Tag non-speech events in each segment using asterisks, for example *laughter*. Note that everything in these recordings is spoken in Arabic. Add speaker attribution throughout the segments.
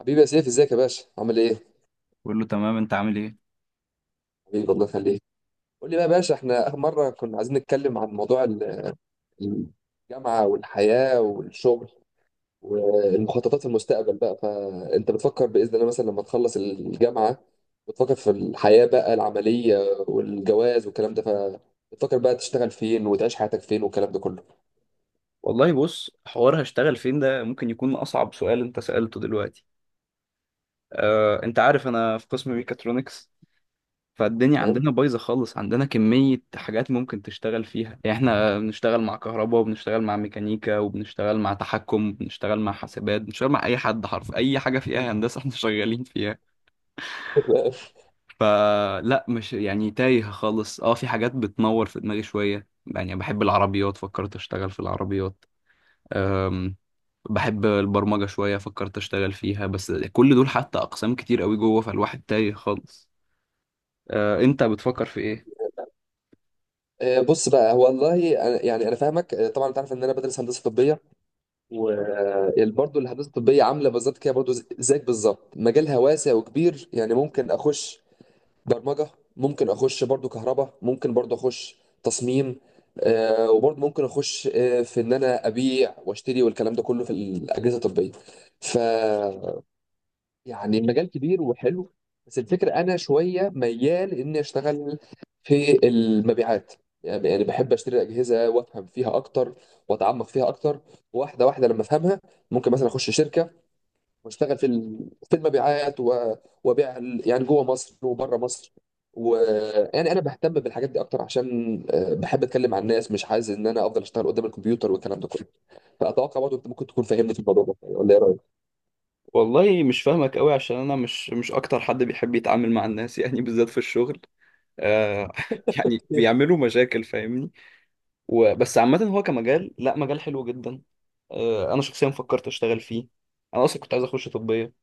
Speaker 1: حبيبي يا سيف، ازيك يا باشا؟ عامل ايه؟
Speaker 2: بقول له تمام، انت عامل ايه؟
Speaker 1: حبيبي الله يخليك. قول لي بقى يا باشا، احنا اخر مره كنا عايزين نتكلم عن موضوع ال- الجامعه والحياه والشغل والمخططات المستقبل بقى. فانت بتفكر باذن الله مثلا لما تخلص الجامعه، بتفكر في الحياه بقى العمليه والجواز والكلام ده، فبتفكر بقى تشتغل فين وتعيش حياتك فين والكلام ده كله.
Speaker 2: والله، بص، حوار هشتغل فين ده ممكن يكون أصعب سؤال أنت سألته دلوقتي. أنت عارف أنا في قسم ميكاترونكس. فالدنيا
Speaker 1: فاهم.
Speaker 2: عندنا بايظة خالص، عندنا كمية حاجات ممكن تشتغل فيها. يعني إحنا بنشتغل مع كهرباء، وبنشتغل مع ميكانيكا، وبنشتغل مع تحكم، وبنشتغل مع حاسبات، بنشتغل مع أي حد حرف أي حاجة فيها هندسة *laughs* إحنا شغالين فيها.
Speaker 1: *laughs*
Speaker 2: فلا مش يعني تايه خالص. في حاجات بتنور في دماغي شوية، يعني بحب العربيات، فكرت أشتغل في العربيات. بحب البرمجة شوية، فكرت اشتغل فيها. بس كل دول حتى اقسام كتير قوي جوه، فالواحد تايه خالص. انت بتفكر في ايه؟
Speaker 1: بص بقى، هو والله انا فاهمك. طبعا انت عارف ان انا بدرس هندسه طبيه، وبرضه الهندسه الطبيه عامله بالظبط كده برضه، زيك بالظبط. مجالها واسع وكبير. يعني ممكن اخش برمجه، ممكن اخش برضه كهرباء، ممكن برضه اخش تصميم، وبرضه ممكن اخش في ان انا ابيع واشتري والكلام ده كله في الاجهزه الطبيه. ف يعني المجال كبير وحلو. بس الفكرة أنا شوية ميال إني أشتغل في المبيعات. يعني بحب أشتري أجهزة وأفهم فيها أكتر، وأتعمق فيها أكتر، واحدة واحدة لما أفهمها. ممكن مثلا أخش شركة وأشتغل في في المبيعات وأبيع يعني جوه مصر وبره مصر. ويعني أنا بهتم بالحاجات دي أكتر عشان بحب أتكلم مع الناس، مش عايز إن أنا أفضل أشتغل قدام الكمبيوتر والكلام ده كله. فأتوقع برضه أنت ممكن تكون فاهمني في الموضوع ده، ولا إيه رأيك؟
Speaker 2: والله مش فاهمك قوي، عشان انا مش اكتر حد بيحب يتعامل مع الناس *laughs* يعني بالذات في الشغل. آه. *laughs* يعني بيعملوا مشاكل، فاهمني؟ وبس، عامة هو كمجال، لا، مجال حلو جدا. انا شخصيا فكرت اشتغل فيه. انا اصلا كنت عايز اخش طبية.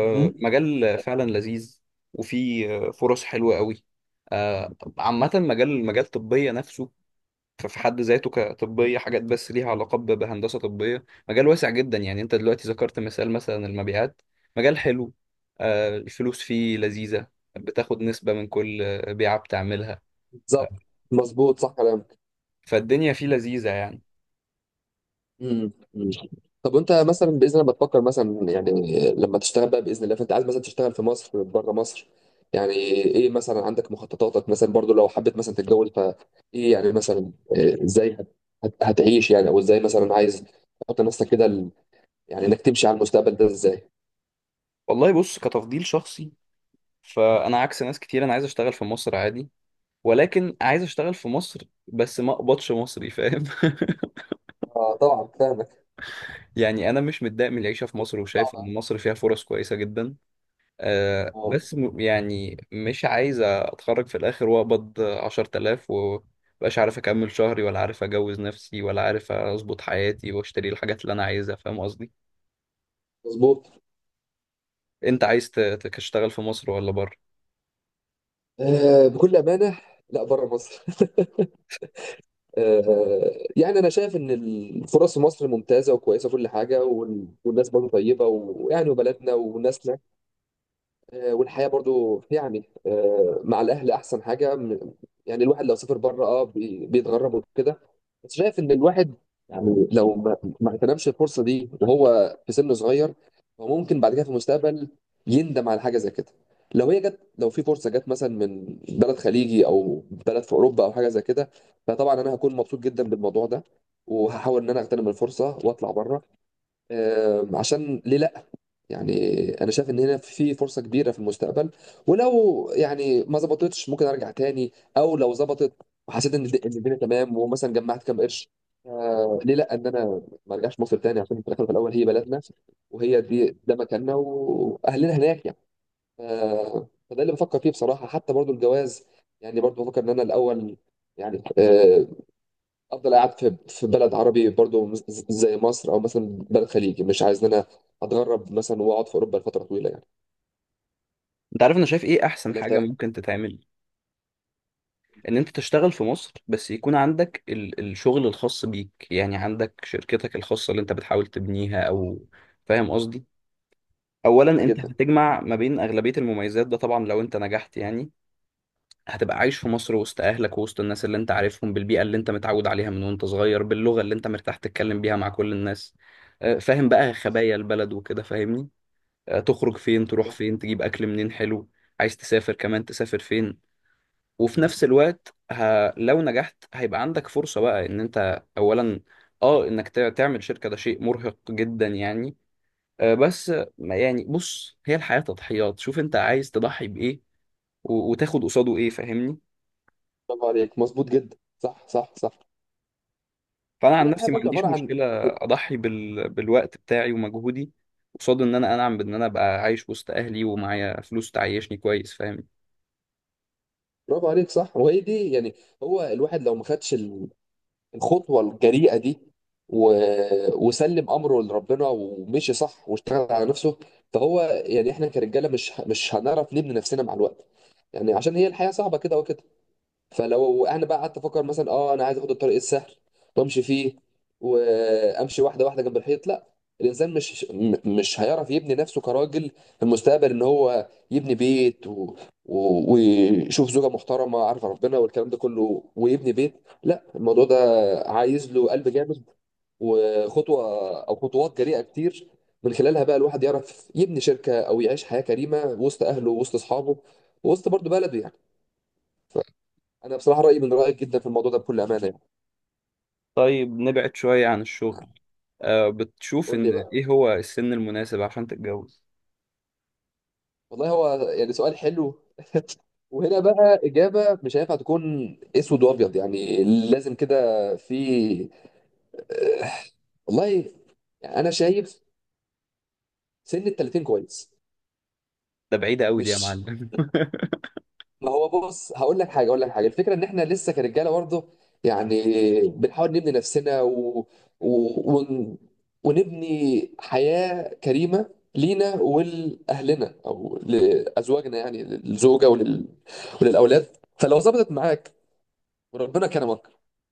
Speaker 1: *laughs* مهم.
Speaker 2: مجال فعلا لذيذ. وفيه فرص حلوة قوي. عامة، مجال طبية نفسه. ففي حد ذاته كطبية حاجات، بس ليها علاقة بهندسة طبية، مجال واسع جدا. يعني انت دلوقتي ذكرت مثال مثلا المبيعات. مجال حلو. الفلوس فيه لذيذة. بتاخد نسبة من كل بيعة بتعملها. آه،
Speaker 1: بالظبط. مظبوط، صح كلامك.
Speaker 2: فالدنيا فيه لذيذة يعني.
Speaker 1: أمم. طب وانت مثلا باذن الله بتفكر مثلا يعني لما تشتغل بقى باذن الله، فانت عايز مثلا تشتغل في مصر، بره مصر؟ يعني ايه مثلا عندك مخططاتك؟ مثلا برضو لو حبيت مثلا تتجوز، فايه يعني مثلا إيه، ازاي هتعيش يعني؟ او ازاي مثلا عايز تحط نفسك كده يعني انك تمشي على المستقبل ده ازاي؟
Speaker 2: والله، بص، كتفضيل شخصي. فأنا عكس ناس كتير، أنا عايز أشتغل في مصر عادي. ولكن عايز أشتغل في مصر، بس ما أقبضش مصري، فاهم؟ *laughs*
Speaker 1: اه طبعا فاهمك.
Speaker 2: يعني أنا مش متضايق من العيشة في مصر، وشايف
Speaker 1: صعبة.
Speaker 2: إن مصر فيها فرص كويسة جدا.
Speaker 1: اه،
Speaker 2: بس يعني مش عايز اتخرج في الاخر واقبض 10,000 ومبقاش عارف اكمل شهري، ولا عارف اجوز نفسي، ولا عارف اظبط حياتي، واشتري الحاجات اللي انا عايزها، فاهم قصدي؟
Speaker 1: مظبوط.
Speaker 2: انت عايز تشتغل في مصر ولا بره؟
Speaker 1: آه، بكل امانه، لا، بره مصر. *laughs* يعني انا شايف ان الفرص في مصر ممتازه وكويسه وكل حاجه، والناس برضه طيبه، ويعني وبلدنا والناس، والحياة برضو يعني، مع الأهل أحسن حاجة. يعني الواحد لو سافر بره اه بيتغرب وكده. بس شايف إن الواحد يعني لو ما اغتنمش الفرصة دي وهو في سن صغير، هو ممكن بعد كده في المستقبل يندم على حاجة زي كده. لو هي جت، لو في فرصة جت مثلا من بلد خليجي أو بلد في أوروبا أو حاجة زي كده، فطبعا أنا هكون مبسوط جدا بالموضوع ده، وهحاول إن أنا أغتنم الفرصة وأطلع بره. عشان ليه لأ؟ يعني انا شايف ان هنا في فرصه كبيره في المستقبل، ولو يعني ما ظبطتش ممكن ارجع تاني، او لو ظبطت وحسيت ان إن الدنيا تمام ومثلا جمعت كام قرش، آه ليه لا ان انا ما ارجعش مصر تاني؟ عشان في الاخر في الاول هي بلدنا، وهي دي ده مكاننا واهلنا هناك يعني. آه، فده اللي بفكر فيه بصراحه. حتى برضو الجواز، يعني برضو بفكر ان انا الاول يعني، افضل قاعد في بلد عربي برضو زي مصر، او مثلا بلد خليجي. مش عايز ان انا اتغرب مثلا واقعد في اوروبا لفتره طويله يعني.
Speaker 2: انت عارف انا شايف ايه احسن
Speaker 1: ولا انت
Speaker 2: حاجة
Speaker 1: رأيك؟
Speaker 2: ممكن تتعمل؟ ان انت تشتغل في مصر، بس يكون عندك الشغل الخاص بيك. يعني عندك شركتك الخاصة اللي انت بتحاول تبنيها، او... فاهم قصدي؟
Speaker 1: صح
Speaker 2: اولا، انت
Speaker 1: جدا.
Speaker 2: هتجمع ما بين اغلبية المميزات ده، طبعا لو انت نجحت يعني. هتبقى عايش في مصر وسط اهلك ووسط الناس اللي انت عارفهم، بالبيئه اللي انت متعود عليها من وانت صغير، باللغه اللي انت مرتاح تتكلم بيها مع كل الناس. فاهم بقى
Speaker 1: صح
Speaker 2: خبايا البلد وكده، فاهمني؟ تخرج فين، تروح
Speaker 1: صح.
Speaker 2: فين، تجيب اكل منين حلو. عايز تسافر كمان، تسافر فين. وفي نفس الوقت لو نجحت هيبقى عندك فرصه بقى ان انت اولا، اه انك تعمل شركه، ده شيء مرهق جدا يعني. بس يعني بص، هي الحياه تضحيات. شوف انت عايز تضحي بايه وتاخد قصاده ايه، فاهمني؟
Speaker 1: برافو عليك، مظبوط جدا، صح صح صح.
Speaker 2: فانا عن
Speaker 1: هي الحياه
Speaker 2: نفسي ما
Speaker 1: برضو
Speaker 2: عنديش
Speaker 1: عباره عن
Speaker 2: مشكله
Speaker 1: يعني.
Speaker 2: اضحي بالوقت بتاعي ومجهودي، قصاد ان انا انعم بان انا ابقى عايش وسط اهلي، ومعايا فلوس تعيشني كويس، فاهم؟
Speaker 1: برافو عليك، صح، وهي دي يعني. هو الواحد لو ما خدش الخطوه الجريئه دي و... وسلم امره لربنا ومشي صح واشتغل على نفسه، فهو يعني احنا كرجاله مش هنعرف نبني نفسنا مع الوقت، يعني عشان هي الحياه صعبه كده وكده. فلو انا بقى قعدت افكر مثلا اه انا عايز اخد الطريق السهل وامشي فيه، وامشي واحده واحده جنب الحيط، لا، الانسان مش هيعرف يبني نفسه كراجل في المستقبل، ان هو يبني بيت ويشوف زوجه محترمه عارفه ربنا والكلام ده كله، ويبني بيت. لا، الموضوع ده عايز له قلب جامد، وخطوه او خطوات جريئه كتير، من خلالها بقى الواحد يعرف يبني شركه او يعيش حياه كريمه وسط اهله، وسط اصحابه، وسط برضه بلده يعني. انا بصراحه رايي من رايك جدا في الموضوع ده، بكل امانه يعني.
Speaker 2: طيب، نبعد شويه عن الشغل. بتشوف
Speaker 1: قول لي
Speaker 2: ان
Speaker 1: بقى.
Speaker 2: ايه هو السن المناسب عشان تتجوز؟
Speaker 1: والله، هو يعني سؤال حلو، وهنا بقى اجابه مش هينفع تكون اسود وابيض يعني، لازم كده في، آه، والله يعني انا شايف سن ال 30 كويس.
Speaker 2: ده بعيدة قوي دي، يا
Speaker 1: مش،
Speaker 2: معلم.
Speaker 1: ما هو بص، هقول لك حاجه اقول لك حاجه، الفكره ان احنا لسه كرجاله برضه، يعني بنحاول نبني نفسنا و... ون... ونبني حياه كريمه لينا ولاهلنا او لازواجنا، يعني للزوجه وللاولاد. فلو ظبطت معاك وربنا كرمك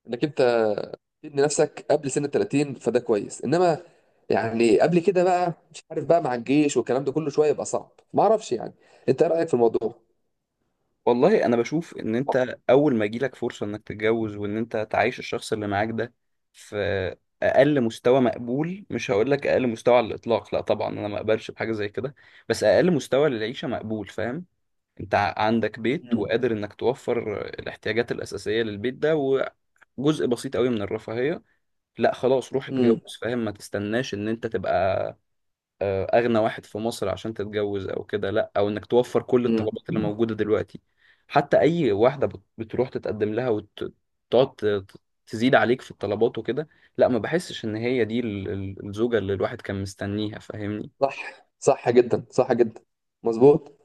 Speaker 1: انك انت تبني نفسك قبل سن ال 30، فده كويس. انما يعني قبل كده بقى مش عارف بقى، مع الجيش والكلام ده كله شويه يبقى صعب، ما اعرفش يعني. انت ايه رايك في الموضوع؟
Speaker 2: *laughs* والله، انا بشوف ان انت اول ما يجيلك فرصة انك تتجوز، وان انت تعيش الشخص اللي معاك ده في اقل مستوى مقبول. مش هقول لك اقل مستوى على الاطلاق، لا طبعا، انا ما اقبلش بحاجة زي كده. بس اقل مستوى للعيشة مقبول، فاهم؟ انت عندك بيت
Speaker 1: مم.
Speaker 2: وقادر انك توفر الاحتياجات الاساسيه للبيت ده، وجزء بسيط قوي من الرفاهيه. لا خلاص، روح اتجوز، فاهم؟ ما تستناش ان انت تبقى اغنى واحد في مصر عشان تتجوز، او كده لا، او انك توفر كل
Speaker 1: مم.
Speaker 2: الطلبات اللي موجوده دلوقتي. حتى اي واحده بتروح تتقدم لها وتقعد تزيد عليك في الطلبات وكده، لا، ما بحسش ان هي دي الزوجه اللي الواحد كان مستنيها، فاهمني؟
Speaker 1: صح، صح جدا، صح جدا، مظبوط.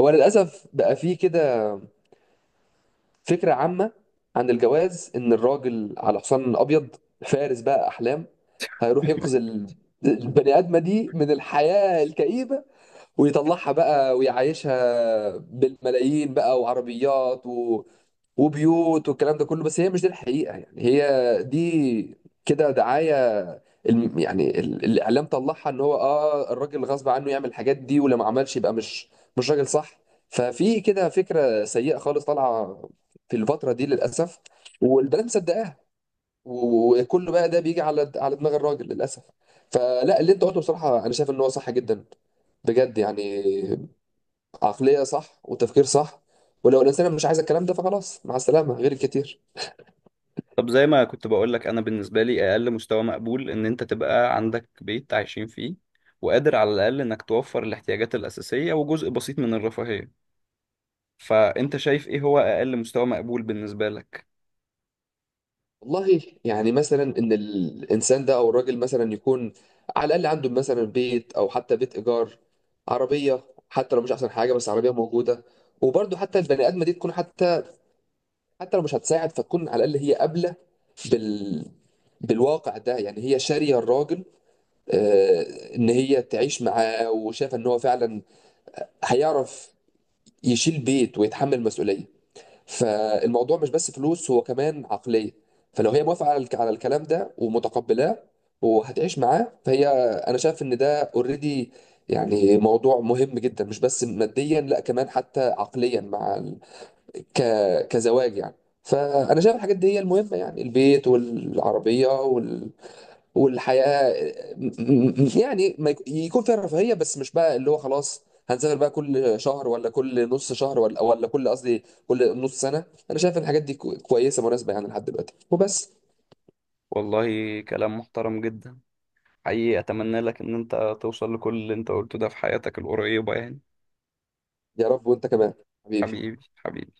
Speaker 1: هو للاسف بقى فيه كده فكره عامه عن الجواز ان الراجل على حصان ابيض، فارس بقى احلام، هيروح ينقذ البني ادمه دي من الحياه الكئيبه، ويطلعها بقى ويعيشها بالملايين بقى، وعربيات وبيوت والكلام ده كله. بس هي مش دي الحقيقه، يعني هي دي كده دعايه. الاعلام طلعها ان هو اه الراجل غصب عنه يعمل الحاجات دي، ولو ما عملش يبقى مش راجل، صح؟ ففي كده فكره سيئه خالص طالعه في الفتره دي للاسف، والبنات مصدقاها، وكله بقى ده بيجي على على دماغ الراجل للاسف. فلا، اللي انت قلته بصراحه انا شايف ان هو صح جدا، بجد يعني، عقليه صح وتفكير صح. ولو الانسان مش عايز الكلام ده، فخلاص مع السلامه، غير الكتير.
Speaker 2: طب، زي ما كنت بقول لك، انا بالنسبه لي اقل مستوى مقبول ان انت تبقى عندك بيت عايشين فيه، وقادر على الاقل انك توفر الاحتياجات الاساسيه، وجزء بسيط من الرفاهيه. فانت شايف ايه هو اقل مستوى مقبول بالنسبه لك؟
Speaker 1: والله يعني مثلا ان الانسان ده او الراجل مثلا يكون على الاقل عنده مثلا بيت او حتى بيت ايجار، عربيه حتى لو مش احسن حاجه بس عربيه موجوده. وبرضه حتى البني ادمه دي تكون حتى، حتى لو مش هتساعد، فتكون على الاقل هي قابله بال بالواقع ده، يعني هي شاريه الراجل، ان هي تعيش معاه، وشايفه ان هو فعلا هيعرف يشيل بيت ويتحمل مسؤوليه. فالموضوع مش بس فلوس، هو كمان عقلية. فلو هي موافقة على على الكلام ده ومتقبلاه وهتعيش معاه، فهي، أنا شايف إن ده أوريدي يعني، موضوع مهم جدا مش بس ماديا، لا كمان حتى عقليا، مع ك... كزواج يعني. فأنا شايف الحاجات دي هي المهمة، يعني البيت والعربية والحياه، يعني ما يكون فيها رفاهيه. بس مش بقى اللي هو خلاص هنسافر بقى كل شهر، ولا كل نص شهر، ولا كل نص سنه. انا شايف ان الحاجات دي كويسه مناسبه يعني لحد دلوقتي وبس.
Speaker 2: والله، كلام محترم جدا. حقيقي اتمنى لك ان انت توصل لكل اللي انت قلته ده في حياتك القريبه يعني.
Speaker 1: يا رب، وانت كمان حبيبي.
Speaker 2: حبيبي، حبيبي.